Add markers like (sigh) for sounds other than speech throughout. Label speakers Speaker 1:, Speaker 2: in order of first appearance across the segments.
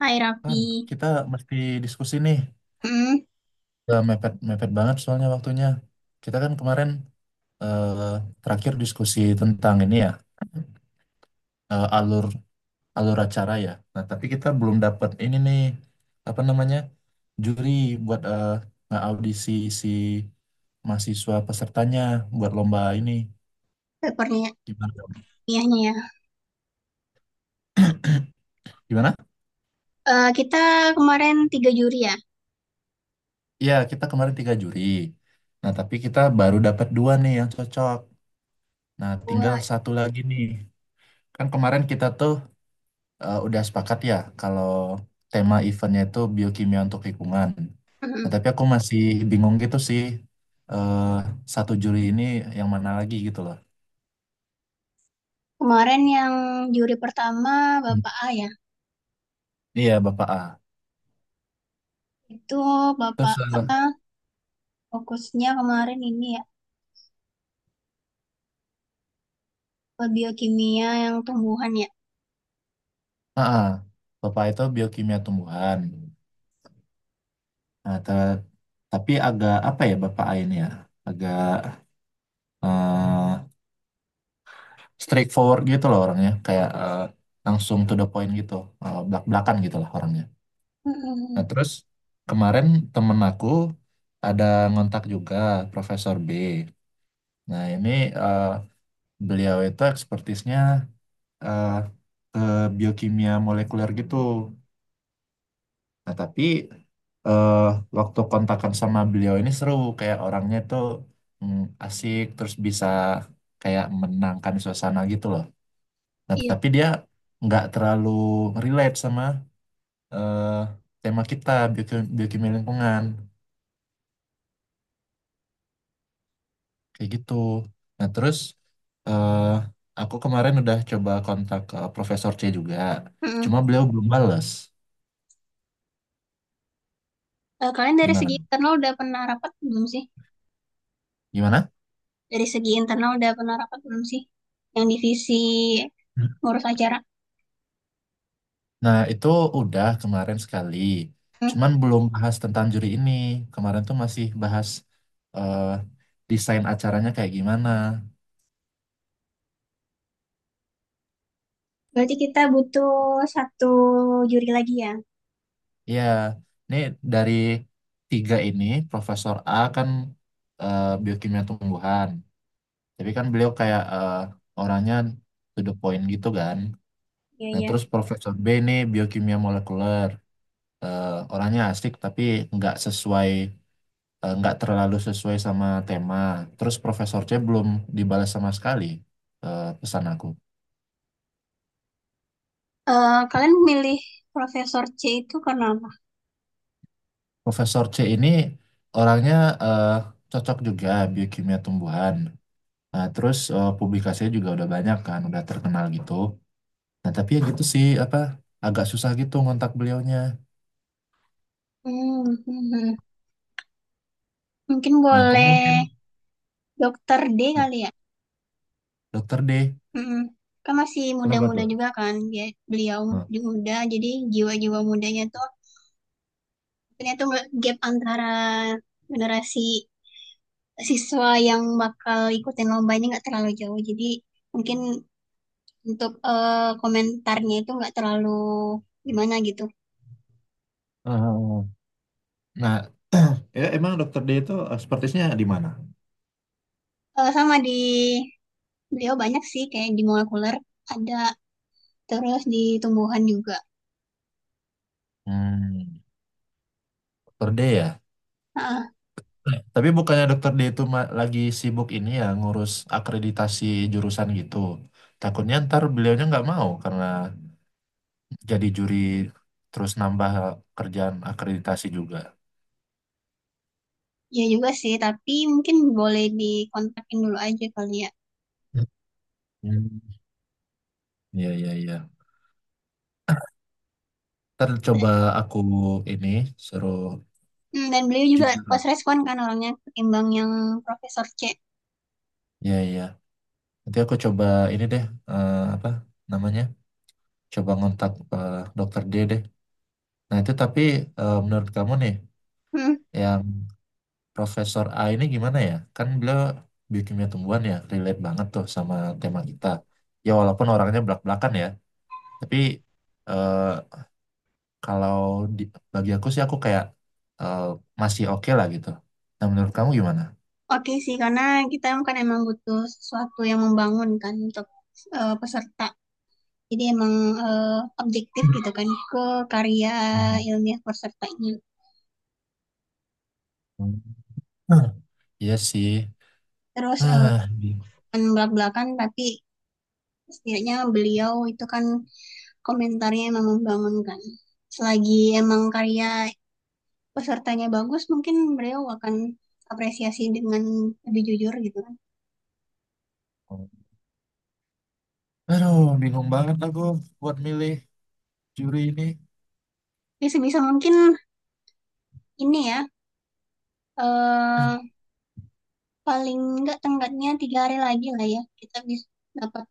Speaker 1: Hai
Speaker 2: Kan
Speaker 1: Raffi,
Speaker 2: kita mesti diskusi nih.
Speaker 1: hmm,
Speaker 2: Udah mepet mepet banget soalnya waktunya. Kita kan kemarin eh, terakhir diskusi tentang ini ya, alur alur acara ya. Nah tapi kita belum dapat ini nih, apa namanya, juri buat audisi si mahasiswa pesertanya buat lomba ini.
Speaker 1: perniahannya
Speaker 2: Gimana?
Speaker 1: ya.
Speaker 2: Gimana?
Speaker 1: Kita kemarin tiga juri ya.
Speaker 2: Iya kita kemarin tiga juri. Nah tapi kita baru dapat dua nih yang cocok. Nah tinggal
Speaker 1: Gua,
Speaker 2: satu lagi nih. Kan kemarin kita tuh udah sepakat ya kalau tema eventnya itu biokimia untuk lingkungan. Nah,
Speaker 1: mm.
Speaker 2: tapi aku masih bingung gitu sih, eh satu juri ini yang mana lagi gitu loh.
Speaker 1: Kemarin yang juri pertama
Speaker 2: Hmm.
Speaker 1: Bapak A ya.
Speaker 2: Iya Bapak A.
Speaker 1: Itu
Speaker 2: Terus
Speaker 1: Bapak A fokusnya kemarin ini ya ke biokimia yang tumbuhan ya.
Speaker 2: ah, ah, Bapak A itu biokimia tumbuhan. Nah, te- tapi agak apa ya Bapak A ini ya? Agak eh straightforward gitu loh orangnya, kayak langsung to the point gitu, belak-belakan gitu lah orangnya. Nah,
Speaker 1: Mm-mm.
Speaker 2: terus kemarin temen aku ada ngontak juga Profesor B. Nah, ini eh, beliau itu ekspertisnya eh, ke biokimia molekuler gitu. Nah, tapi eh, waktu kontakan sama beliau ini seru, kayak orangnya tuh mm, asik, terus bisa kayak menenangkan suasana gitu loh. Nah,
Speaker 1: Iya.
Speaker 2: tapi dia nggak terlalu relate sama eh, tema kita, biokimia lingkungan. Kayak gitu. Nah, terus eh aku kemarin udah coba kontak ke Profesor C juga. Cuma
Speaker 1: Mm-mm.
Speaker 2: beliau belum bales.
Speaker 1: Kalian dari
Speaker 2: Gimana?
Speaker 1: segi internal udah pernah rapat belum sih?
Speaker 2: Gimana?
Speaker 1: Dari segi internal udah pernah rapat belum sih? Yang divisi ngurus acara.
Speaker 2: Nah, itu udah kemarin sekali.
Speaker 1: Hmm.
Speaker 2: Cuman belum bahas tentang juri ini. Kemarin tuh masih bahas eh desain acaranya kayak gimana.
Speaker 1: Berarti kita butuh satu juri lagi ya.
Speaker 2: Iya, ini dari tiga ini, Profesor A kan biokimia tumbuhan. Tapi kan beliau kayak orangnya to the point gitu kan.
Speaker 1: Iya,
Speaker 2: Nah,
Speaker 1: iya.
Speaker 2: terus Profesor B ini biokimia molekuler. Eh, orangnya asik tapi nggak sesuai, nggak terlalu sesuai sama tema. Terus Profesor C belum dibalas sama sekali, pesan aku.
Speaker 1: Kalian milih Profesor C itu karena apa?
Speaker 2: Profesor C ini orangnya eh, cocok juga biokimia tumbuhan. Nah, terus publikasinya juga udah banyak kan, udah terkenal gitu. Nah, tapi ya gitu sih, apa, agak susah gitu ngontak beliaunya.
Speaker 1: Hmm, hmm, hmm. Mungkin
Speaker 2: Nah, kamu mungkin
Speaker 1: boleh Dokter D kali ya.
Speaker 2: dokter D,
Speaker 1: Hmm. Kan masih
Speaker 2: kenapa
Speaker 1: muda-muda
Speaker 2: tuh?
Speaker 1: juga kan, dia beliau
Speaker 2: Nah,
Speaker 1: juga muda, jadi jiwa-jiwa mudanya tuh mungkin tuh gap antara generasi siswa yang bakal ikutin lomba ini nggak terlalu jauh. Jadi mungkin untuk komentarnya itu nggak terlalu gimana gitu.
Speaker 2: eh, eh, eh. nah, Ya, emang dokter D itu sepertinya di mana?
Speaker 1: Sama di beliau banyak sih kayak di molekuler ada terus di tumbuhan juga.
Speaker 2: Hmm, Dokter D ya.
Speaker 1: ah
Speaker 2: Eh, tapi bukannya Dokter D itu ma- lagi sibuk ini ya ngurus akreditasi jurusan gitu. Takutnya ntar beliaunya nggak mau karena jadi juri terus nambah kerjaan akreditasi juga.
Speaker 1: Ya juga sih, tapi mungkin boleh dikontakin dulu aja kali ya.
Speaker 2: Hmm. Iya, iya, iya. Ntar
Speaker 1: Dan,
Speaker 2: coba aku ini suruh
Speaker 1: dan beliau juga
Speaker 2: junior
Speaker 1: pas
Speaker 2: aku.
Speaker 1: respon kan orangnya ketimbang yang Profesor C.
Speaker 2: Iya, iya. Nanti aku coba ini deh, apa namanya? Coba ngontak Dokter D deh. Nah, itu tapi menurut kamu nih,
Speaker 1: Hmm,
Speaker 2: yang Profesor A ini gimana ya? Kan beliau biokimia tumbuhan ya, relate banget tuh sama tema kita. Ya, walaupun orangnya belak-belakan ya, tapi eh, kalau di, bagi aku sih aku kayak eh, masih oke lah gitu. Nah, menurut kamu gimana? (laughs)
Speaker 1: oke sih, karena kita kan emang butuh sesuatu yang membangunkan untuk peserta. Jadi emang objektif gitu kan ke karya
Speaker 2: Hmm.
Speaker 1: ilmiah pesertanya.
Speaker 2: Hmm. Iya sih.
Speaker 1: Terus
Speaker 2: Ah, bingung.
Speaker 1: bukan belak-belakan tapi setidaknya beliau itu kan komentarnya emang membangunkan. Selagi emang karya pesertanya bagus, mungkin beliau akan apresiasi dengan lebih jujur gitu kan.
Speaker 2: Aduh, bingung banget aku buat milih juri ini.
Speaker 1: Jadi sebisa mungkin ini ya,
Speaker 2: (clears throat)
Speaker 1: eh, paling nggak tenggatnya tiga hari lagi lah ya, kita bisa dapat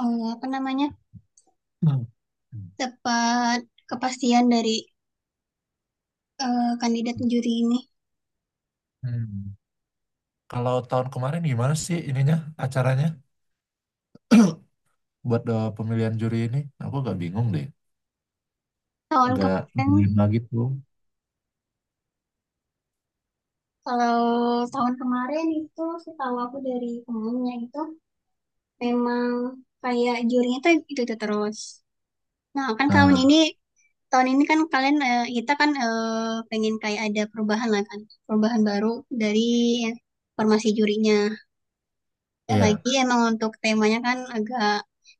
Speaker 1: apa namanya,
Speaker 2: Hmm.
Speaker 1: dapat kepastian dari kandidat juri ini.
Speaker 2: Hmm. Kalau tahun kemarin gimana sih ininya acaranya (clears throat) buat pemilihan juri ini? Aku agak bingung deh,
Speaker 1: Tahun
Speaker 2: agak
Speaker 1: kemarin,
Speaker 2: dilema gitu.
Speaker 1: kalau tahun kemarin itu setahu aku dari temennya itu memang kayak jurinya tuh itu terus. Nah, kan
Speaker 2: Nah,
Speaker 1: tahun ini kan kalian kita kan pengen kayak ada perubahan lah kan, perubahan baru dari formasi jurinya. Dan
Speaker 2: iya.
Speaker 1: lagi emang untuk temanya kan agak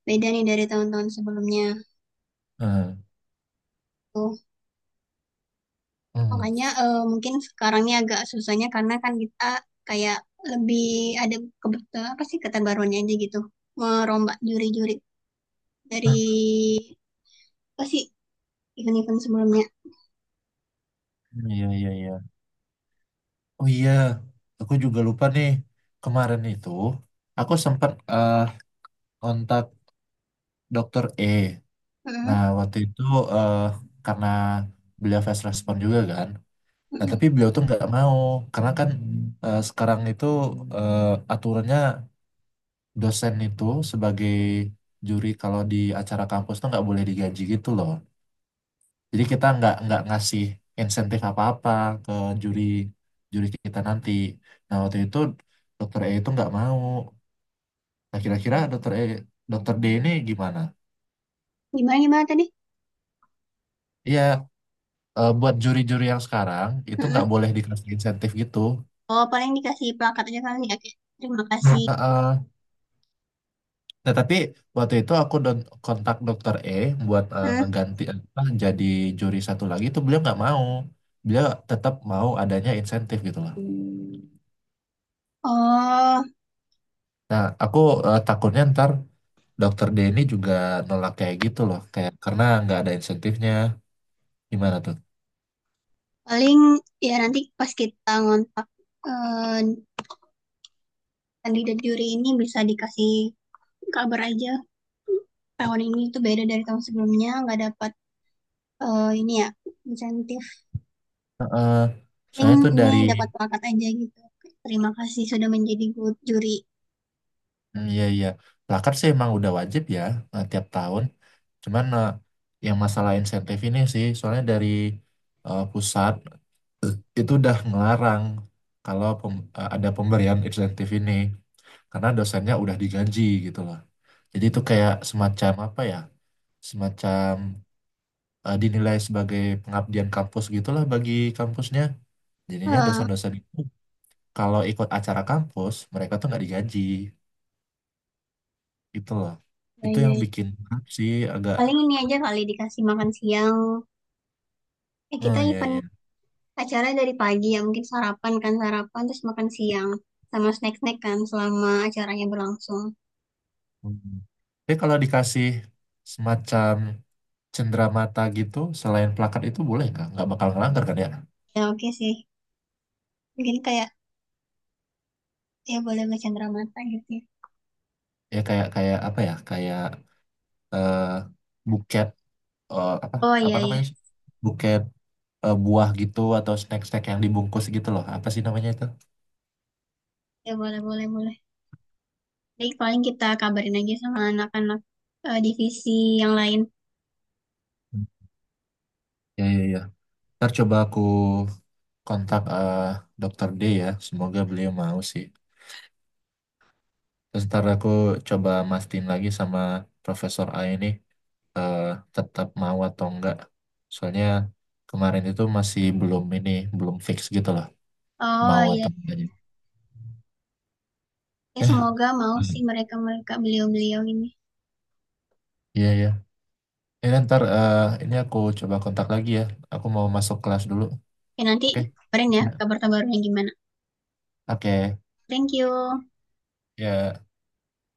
Speaker 1: beda nih dari tahun-tahun sebelumnya.
Speaker 2: Nah,
Speaker 1: Tuh,
Speaker 2: hmm.
Speaker 1: makanya mungkin sekarang ini agak susahnya karena kan kita kayak lebih ada kebetulan apa sih keterbaruannya aja gitu, merombak juri-juri dari
Speaker 2: Hah,
Speaker 1: apa sih event-event sebelumnya.
Speaker 2: iya iya iya. Oh iya, aku juga lupa nih. Kemarin itu aku sempat kontak Dokter E. Nah
Speaker 1: Mm.
Speaker 2: waktu itu eh, karena beliau fast respon juga kan. Nah
Speaker 1: Mm-mm.
Speaker 2: tapi beliau tuh nggak mau karena kan sekarang itu aturannya dosen itu sebagai juri kalau di acara kampus tuh nggak boleh digaji gitu loh. Jadi kita nggak ngasih insentif apa-apa ke juri juri kita nanti. Nah waktu itu dokter E itu nggak mau. Nah kira-kira dokter E, dokter D ini gimana?
Speaker 1: Gimana gimana tadi?
Speaker 2: Iya buat juri-juri yang sekarang itu
Speaker 1: Mm-mm.
Speaker 2: nggak boleh dikasih insentif gitu.
Speaker 1: Oh paling dikasih plakat aja kali. Oke. Terima kasih.
Speaker 2: Heeh. Nah, tapi waktu itu kontak dokter E buat
Speaker 1: Mm.
Speaker 2: ngeganti apa jadi juri satu lagi itu beliau nggak mau. Beliau tetap mau adanya insentif gitu loh.
Speaker 1: Oh
Speaker 2: Nah, aku takutnya ntar dokter D ini juga nolak kayak gitu loh, kayak karena nggak ada insentifnya. Gimana tuh?
Speaker 1: paling ya nanti pas kita ngontak eh, kandidat juri ini bisa dikasih kabar aja tahun ini tuh beda dari tahun sebelumnya nggak dapat ini ya, insentif.
Speaker 2: Heeh. Soalnya
Speaker 1: Paling
Speaker 2: tuh
Speaker 1: ini
Speaker 2: dari,
Speaker 1: dapat plakat aja gitu. Terima kasih sudah menjadi gu- juri.
Speaker 2: hmm, iya iya. Plakat sih emang udah wajib ya tiap tahun. Cuman yang masalah insentif ini sih soalnya dari pusat itu udah ngelarang kalau ada pemberian insentif ini karena dosennya udah digaji gitu loh. Jadi itu kayak semacam apa ya? Semacam dinilai sebagai pengabdian kampus gitulah bagi kampusnya. Jadinya
Speaker 1: Eh,
Speaker 2: dosen-dosen itu kalau ikut acara kampus mereka tuh nggak digaji gitu loh.
Speaker 1: Ya,
Speaker 2: Itu
Speaker 1: ya,
Speaker 2: yang
Speaker 1: ya.
Speaker 2: bikin berat sih agak.
Speaker 1: Paling ini aja kali dikasih makan siang. Eh kita
Speaker 2: Oh iya
Speaker 1: event
Speaker 2: iya.
Speaker 1: acara dari pagi ya mungkin sarapan kan sarapan terus makan siang sama snack-snack kan selama acaranya berlangsung.
Speaker 2: Hmm. Tapi kalau dikasih semacam cenderamata gitu selain plakat itu boleh nggak? Nggak bakal ngelanggar kan ya?
Speaker 1: Ya oke sih mungkin kayak ya boleh boleh mata gitu ya.
Speaker 2: Ya kayak kayak apa ya, kayak eh, buket, apa,
Speaker 1: Oh
Speaker 2: apa
Speaker 1: iya iya,
Speaker 2: namanya sih, buket buah gitu atau snack-snack yang dibungkus gitu loh apa sih namanya itu.
Speaker 1: ya boleh boleh boleh jadi paling kita kabarin aja sama anak-anak divisi yang lain.
Speaker 2: Hmm. Ya ya ya, ntar coba aku kontak dokter D ya, semoga beliau mau sih. Terus ntar aku coba mastiin lagi sama Profesor A ini eh, tetap mau atau enggak, soalnya kemarin itu masih belum ini, belum fix gitu loh
Speaker 1: Oh
Speaker 2: mau
Speaker 1: iya
Speaker 2: atau enggaknya.
Speaker 1: ya
Speaker 2: eh
Speaker 1: semoga mau sih
Speaker 2: baik.
Speaker 1: mereka mereka beliau beliau ini
Speaker 2: Iya ya. Ya kan, ntar ini aku coba kontak lagi ya. Aku mau masuk kelas dulu.
Speaker 1: ya nanti
Speaker 2: Oke?
Speaker 1: kabarin ya kabar terbarunya gimana.
Speaker 2: Oke.
Speaker 1: Thank you.
Speaker 2: Ya.